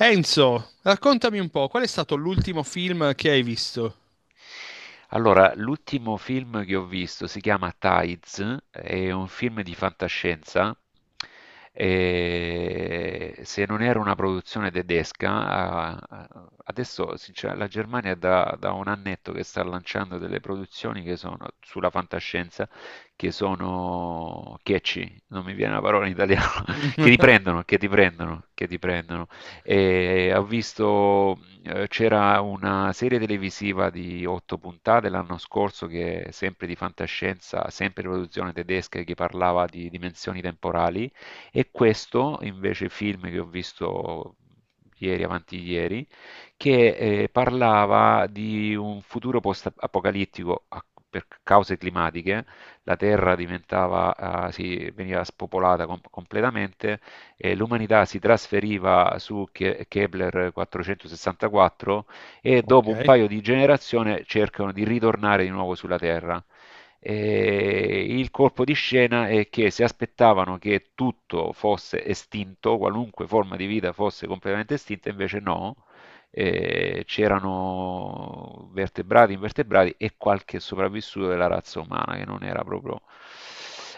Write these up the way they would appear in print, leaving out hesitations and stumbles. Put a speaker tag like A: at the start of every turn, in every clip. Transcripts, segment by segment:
A: Enzo, raccontami un po', qual è stato l'ultimo film che hai visto?
B: Allora, l'ultimo film che ho visto si chiama Tides, è un film di fantascienza. E se non era una produzione tedesca, adesso la Germania è da un annetto che sta lanciando delle produzioni che sono sulla fantascienza, che sono catchy, non mi viene la parola in italiano, che ti prendono, che ti prendono, che ti prendono. E ho visto, c'era una serie televisiva di otto puntate l'anno scorso che è sempre di fantascienza, sempre produzione tedesca, che parlava di dimensioni temporali. E questo invece film che ho visto ieri, avanti ieri, che parlava di un futuro post-apocalittico per cause climatiche. La Terra diventava, ah, sì, veniva spopolata completamente, l'umanità si trasferiva su Kepler 464 e
A: Ok,
B: dopo un paio di generazioni cercano di ritornare di nuovo sulla Terra. E il colpo di scena è che si aspettavano che tutto fosse estinto, qualunque forma di vita fosse completamente estinta, invece no, c'erano vertebrati, invertebrati e qualche sopravvissuto della razza umana che non era proprio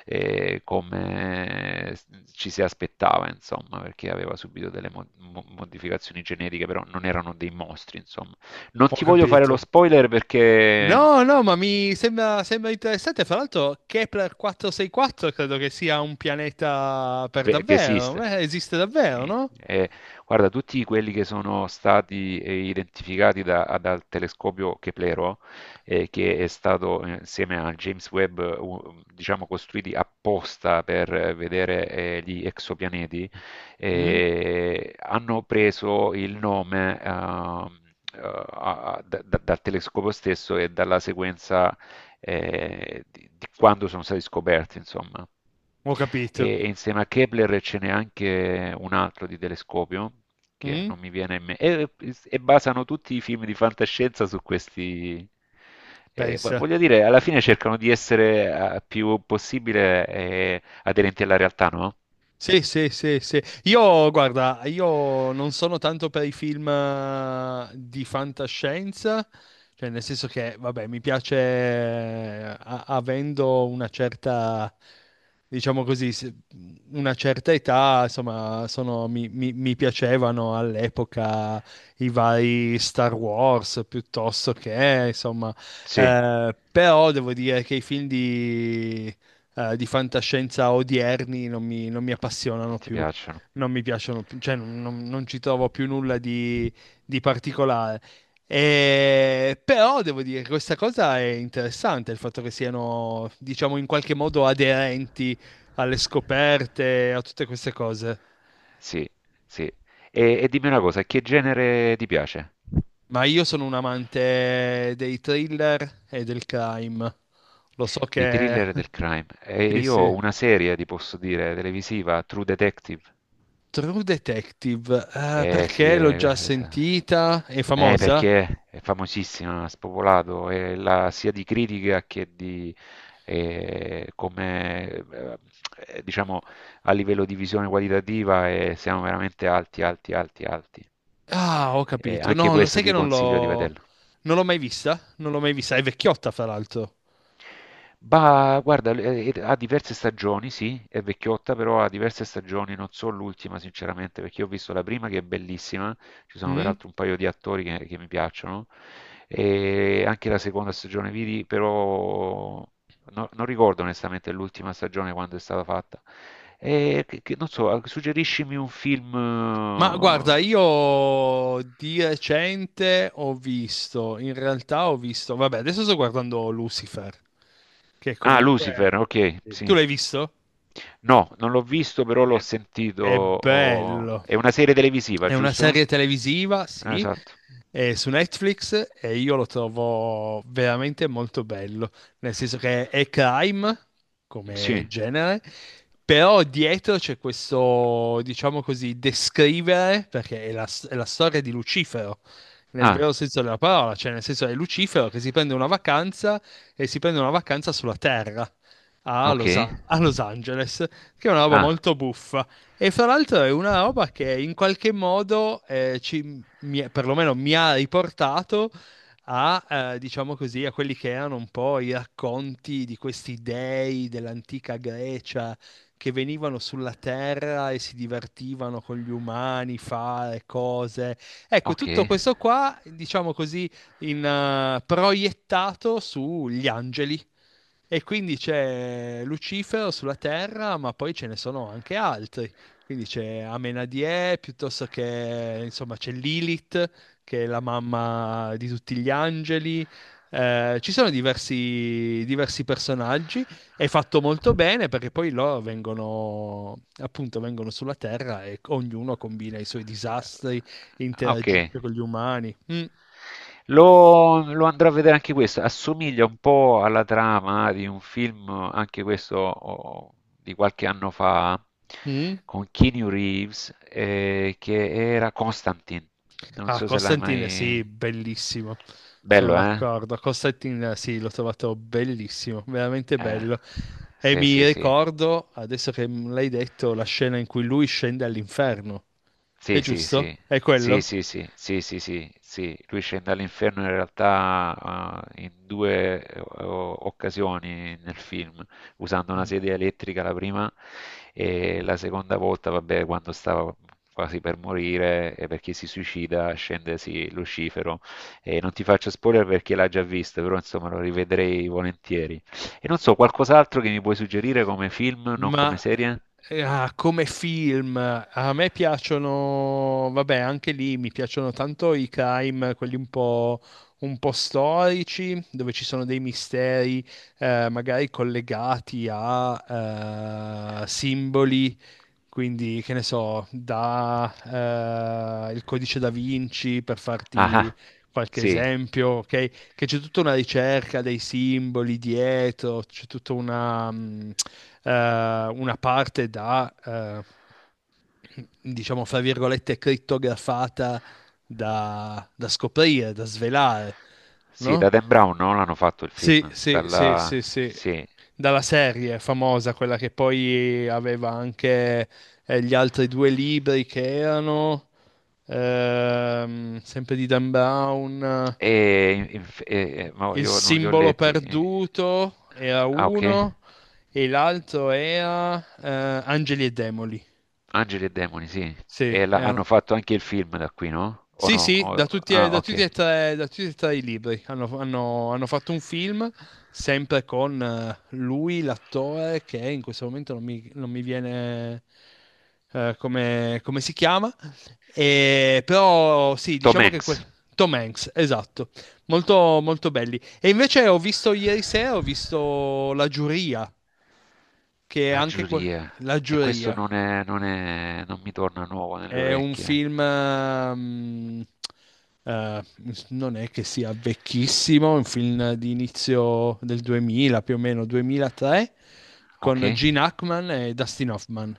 B: come ci si aspettava, insomma, perché aveva subito delle modificazioni genetiche, però non erano dei mostri, insomma. Non
A: ho
B: ti voglio fare lo
A: capito.
B: spoiler perché
A: No, no, ma mi sembra, sembra interessante. Fra l'altro, Kepler 464 credo che sia un pianeta per
B: Che
A: davvero.
B: esiste.
A: Esiste davvero,
B: Sì.
A: no?
B: Guarda, tutti quelli che sono stati identificati dal telescopio Keplero, che è stato, insieme a James Webb, diciamo, costruiti apposta per vedere gli exopianeti,
A: Mm?
B: hanno preso il nome dal telescopio stesso e dalla sequenza di quando sono stati scoperti, insomma.
A: Ho
B: E,
A: capito.
B: e insieme a Kepler ce n'è anche un altro di telescopio che
A: Mm?
B: non mi viene in mente. E basano tutti i film di fantascienza su questi.
A: Pensa.
B: Voglio dire, alla fine cercano di essere più possibile aderenti alla realtà, no?
A: Sì, sì, sì, sì. Io, guarda, io non sono tanto per i film di fantascienza, cioè nel senso che, vabbè, mi piace avendo una certa, diciamo così, una certa età, insomma, mi piacevano all'epoca i vari Star Wars piuttosto che, insomma,
B: Sì,
A: però devo dire che i film di fantascienza odierni non mi appassionano
B: ti
A: più,
B: piacciono.
A: non mi piacciono più, cioè non ci trovo più nulla di particolare. Però devo dire che questa cosa è interessante, il fatto che siano, diciamo, in qualche modo aderenti alle scoperte, a tutte queste cose.
B: Sì, sì. E dimmi una cosa, che genere ti piace?
A: Ma io sono un amante dei thriller e del crime. Lo so
B: Dei
A: che...
B: thriller del crime. E
A: Sì,
B: io ho
A: sì.
B: una serie, ti posso dire, televisiva, True Detective.
A: True Detective,
B: Eh sì,
A: perché l'ho già sentita? È famosa?
B: perché è famosissima, ha spopolato, sia di critica che di, come diciamo, a livello di visione qualitativa, siamo veramente alti, alti, alti, alti.
A: Ah, ho
B: E
A: capito.
B: anche questo
A: Sai che
B: ti consiglio di vederlo.
A: non l'ho mai vista? Non l'ho mai vista, è vecchiotta, fra l'altro.
B: Bah, guarda, ha diverse stagioni, sì, è vecchiotta, però ha diverse stagioni, non so l'ultima sinceramente, perché io ho visto la prima che è bellissima, ci sono
A: Mm?
B: peraltro un paio di attori che mi piacciono, e anche la seconda stagione vidi, però non ricordo onestamente l'ultima stagione quando è stata fatta. E non so, suggeriscimi un film.
A: Ma guarda,
B: eh,
A: io di recente ho visto, in realtà ho visto, vabbè, adesso sto guardando Lucifer, che
B: Ah,
A: comunque...
B: Lucifer, ok,
A: Tu
B: sì.
A: l'hai visto?
B: No, non l'ho visto, però l'ho
A: È,
B: sentito.
A: è bello.
B: È una serie televisiva,
A: È una
B: giusto?
A: serie televisiva,
B: Ah,
A: sì,
B: esatto.
A: è su Netflix e io lo trovo veramente molto bello, nel senso che è crime come
B: Sì.
A: genere, però dietro c'è questo, diciamo così, descrivere, perché è la storia di Lucifero, nel
B: Ah,
A: vero senso della parola, cioè nel senso è Lucifero che si prende una vacanza e si prende una vacanza sulla Terra. A
B: ok.
A: Los, a Los Angeles, che è una roba
B: Ah,
A: molto buffa. E fra l'altro è una roba che in qualche modo perlomeno mi ha riportato a, diciamo così, a quelli che erano un po' i racconti di questi dei dell'antica Grecia che venivano sulla terra e si divertivano con gli umani, fare cose. Ecco,
B: ok.
A: tutto questo qua, diciamo così, proiettato sugli angeli. E quindi c'è Lucifero sulla terra, ma poi ce ne sono anche altri. Quindi c'è Amenadie, piuttosto che, insomma, c'è Lilith, che è la mamma di tutti gli angeli. Ci sono diversi, diversi personaggi. È fatto molto bene perché poi loro vengono, appunto, vengono sulla Terra e ognuno combina i suoi disastri,
B: Ah, ok.
A: interagisce con gli umani. Mm,
B: Lo andrò a vedere anche questo. Assomiglia un po' alla trama di un film, anche questo, oh, di qualche anno fa,
A: mm.
B: con Keanu Reeves, che era Constantine. Non
A: Ah,
B: so se l'hai
A: Constantine, sì,
B: mai...
A: bellissimo. Sono
B: Bello, eh?
A: d'accordo. Constantine, sì, l'ho trovato bellissimo, veramente
B: Eh,
A: bello. E
B: sì,
A: mi
B: sì, sì.
A: ricordo, adesso che me l'hai detto, la scena in cui lui scende all'inferno. È
B: Sì, sì, sì.
A: giusto? È
B: Sì,
A: quello?
B: sì, sì, sì, sì, sì, sì. Lui scende all'inferno in realtà in due occasioni nel film, usando una
A: Mm.
B: sedia elettrica la prima e la seconda volta, vabbè, quando stava quasi per morire e perché si suicida, scende sì, Lucifero. E non ti faccio spoiler perché l'ha già visto, però insomma lo rivedrei volentieri. E non so, qualcos'altro che mi puoi suggerire come film, non come
A: Ma
B: serie?
A: come film, a me piacciono, vabbè, anche lì mi piacciono tanto i crime, quelli un po' storici, dove ci sono dei misteri, magari collegati a simboli quindi, che ne so, da il codice da Vinci per farti
B: Ah-ah.
A: qualche
B: Sì,
A: esempio, ok? Che c'è tutta una ricerca dei simboli dietro, c'è tutta una, eh, una parte da, diciamo, fra virgolette, crittografata da, da scoprire, da svelare,
B: sì, da
A: no?
B: Dan Brown, no, l'hanno fatto il
A: Sì,
B: film?
A: sì, sì,
B: Dalla
A: sì, sì.
B: sì.
A: Dalla serie famosa, quella che poi aveva anche gli altri due libri che erano sempre di Dan Brown.
B: E inf e ma
A: Il
B: io non li ho
A: simbolo
B: letti. E
A: perduto era
B: ah, okay.
A: uno e l'altro era Angeli e Demoli.
B: Angeli e demoni, sì.
A: Sì,
B: E la
A: erano.
B: hanno fatto anche il film da qui, no? O
A: Sì,
B: no?
A: sì,
B: O ah,
A: da tutti
B: okay.
A: e tre, da tutti e tre i libri. Hanno fatto un film sempre con lui, l'attore, che in questo momento non mi viene come si chiama. E, però sì,
B: Tom Hanks,
A: Tom Hanks, esatto, molto, molto belli. E invece ho visto ieri sera, ho visto La Giuria, che è
B: La
A: anche que-
B: giuria.
A: La
B: E questo
A: Giuria.
B: non è, non è, non mi torna nuovo nelle
A: È un
B: orecchie.
A: film, eh, non è che sia vecchissimo, è un film di inizio del 2000, più o meno 2003, con
B: Okay.
A: Gene Hackman e Dustin Hoffman.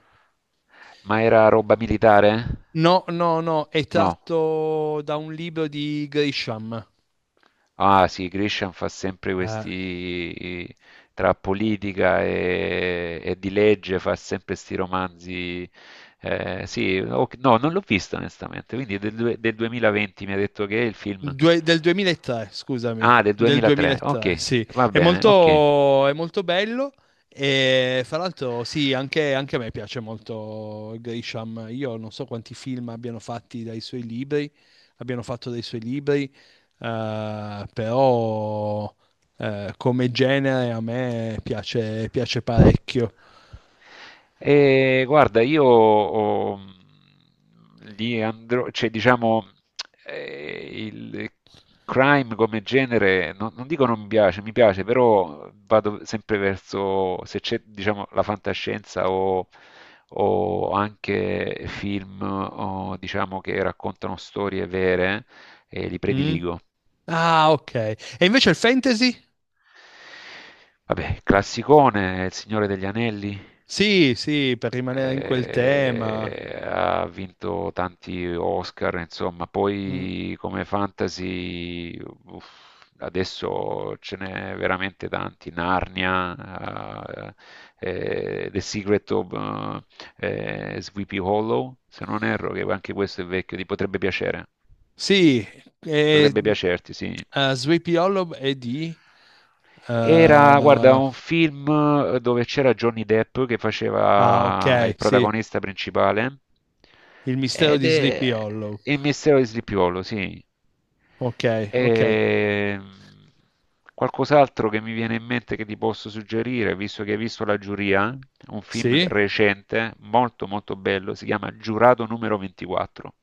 B: Ma era roba militare?
A: No, no, no, è
B: No.
A: tratto da un libro di Grisham.
B: Ah sì, Grisham fa sempre
A: Eh,
B: questi, tra politica e di legge, fa sempre questi romanzi. Sì, no, non l'ho visto onestamente, quindi è del, del 2020 mi ha detto che è il film.
A: Del 2003, scusami,
B: Ah, del
A: del
B: 2003, ok,
A: 2003, sì.
B: va bene, ok.
A: È molto bello e fra l'altro sì, anche, anche a me piace molto Grisham. Io non so quanti film abbiano fatti dai suoi libri, abbiano fatto dai suoi libri, però come genere a me piace, piace parecchio.
B: E guarda, li andrò, cioè diciamo, il crime come genere, non dico non mi piace, mi piace, però vado sempre verso, se c'è, diciamo, la fantascienza o anche film, o, diciamo, che raccontano storie vere, li
A: Mm?
B: prediligo.
A: Ah, ok. E invece il fantasy?
B: Vabbè, classicone, Il Signore degli Anelli.
A: Sì, sì, per rimanere in quel tema.
B: Ha vinto tanti Oscar, insomma,
A: Mm.
B: poi come fantasy, uff, adesso ce n'è veramente tanti, Narnia, The Secret of, Sleepy Hollow, se non erro, che anche questo è vecchio, ti potrebbe piacere,
A: Sì,
B: potrebbe
A: e,
B: piacerti, sì.
A: Sleepy Hollow è di... eh,
B: Era, guarda, un film dove c'era Johnny Depp che
A: ah,
B: faceva
A: ok,
B: il
A: sì,
B: protagonista principale,
A: Il mistero
B: ed
A: di Sleepy
B: è
A: Hollow.
B: Il mistero di Sleepy Hollow, sì.
A: Ok, ok,
B: E... Qualcos'altro che mi viene in mente che ti posso suggerire, visto che hai visto La Giuria, un film
A: sì.
B: recente, molto molto bello, si chiama Giurato numero 24.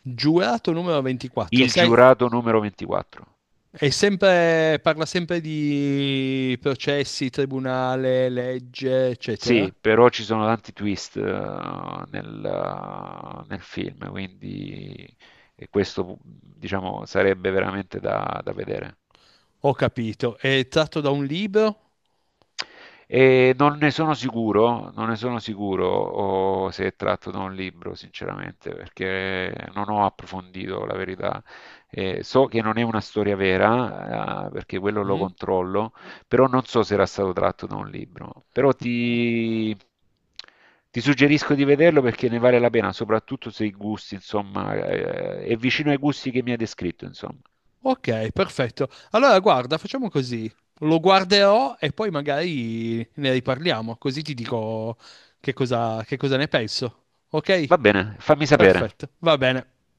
A: Giurato numero 24.
B: Il
A: Sei,
B: giurato numero 24.
A: è sempre, parla sempre di processi, tribunale, legge, eccetera.
B: Sì, però ci sono tanti twist nel film, quindi e questo diciamo sarebbe veramente da vedere.
A: Ho capito. È tratto da un libro?
B: E non ne sono sicuro, non ne sono sicuro o se è tratto da un libro, sinceramente, perché non ho approfondito la verità. So che non è una storia vera, perché quello lo
A: Mm?
B: controllo, però non so se era stato tratto da un libro. Però ti suggerisco di vederlo perché ne vale la pena, soprattutto se i gusti, insomma, è vicino ai gusti che mi hai descritto, insomma.
A: Ok, perfetto. Allora, guarda, facciamo così. Lo guarderò e poi magari ne riparliamo, così ti dico che cosa ne penso.
B: Va
A: Ok?
B: bene, fammi sapere.
A: Perfetto, va bene.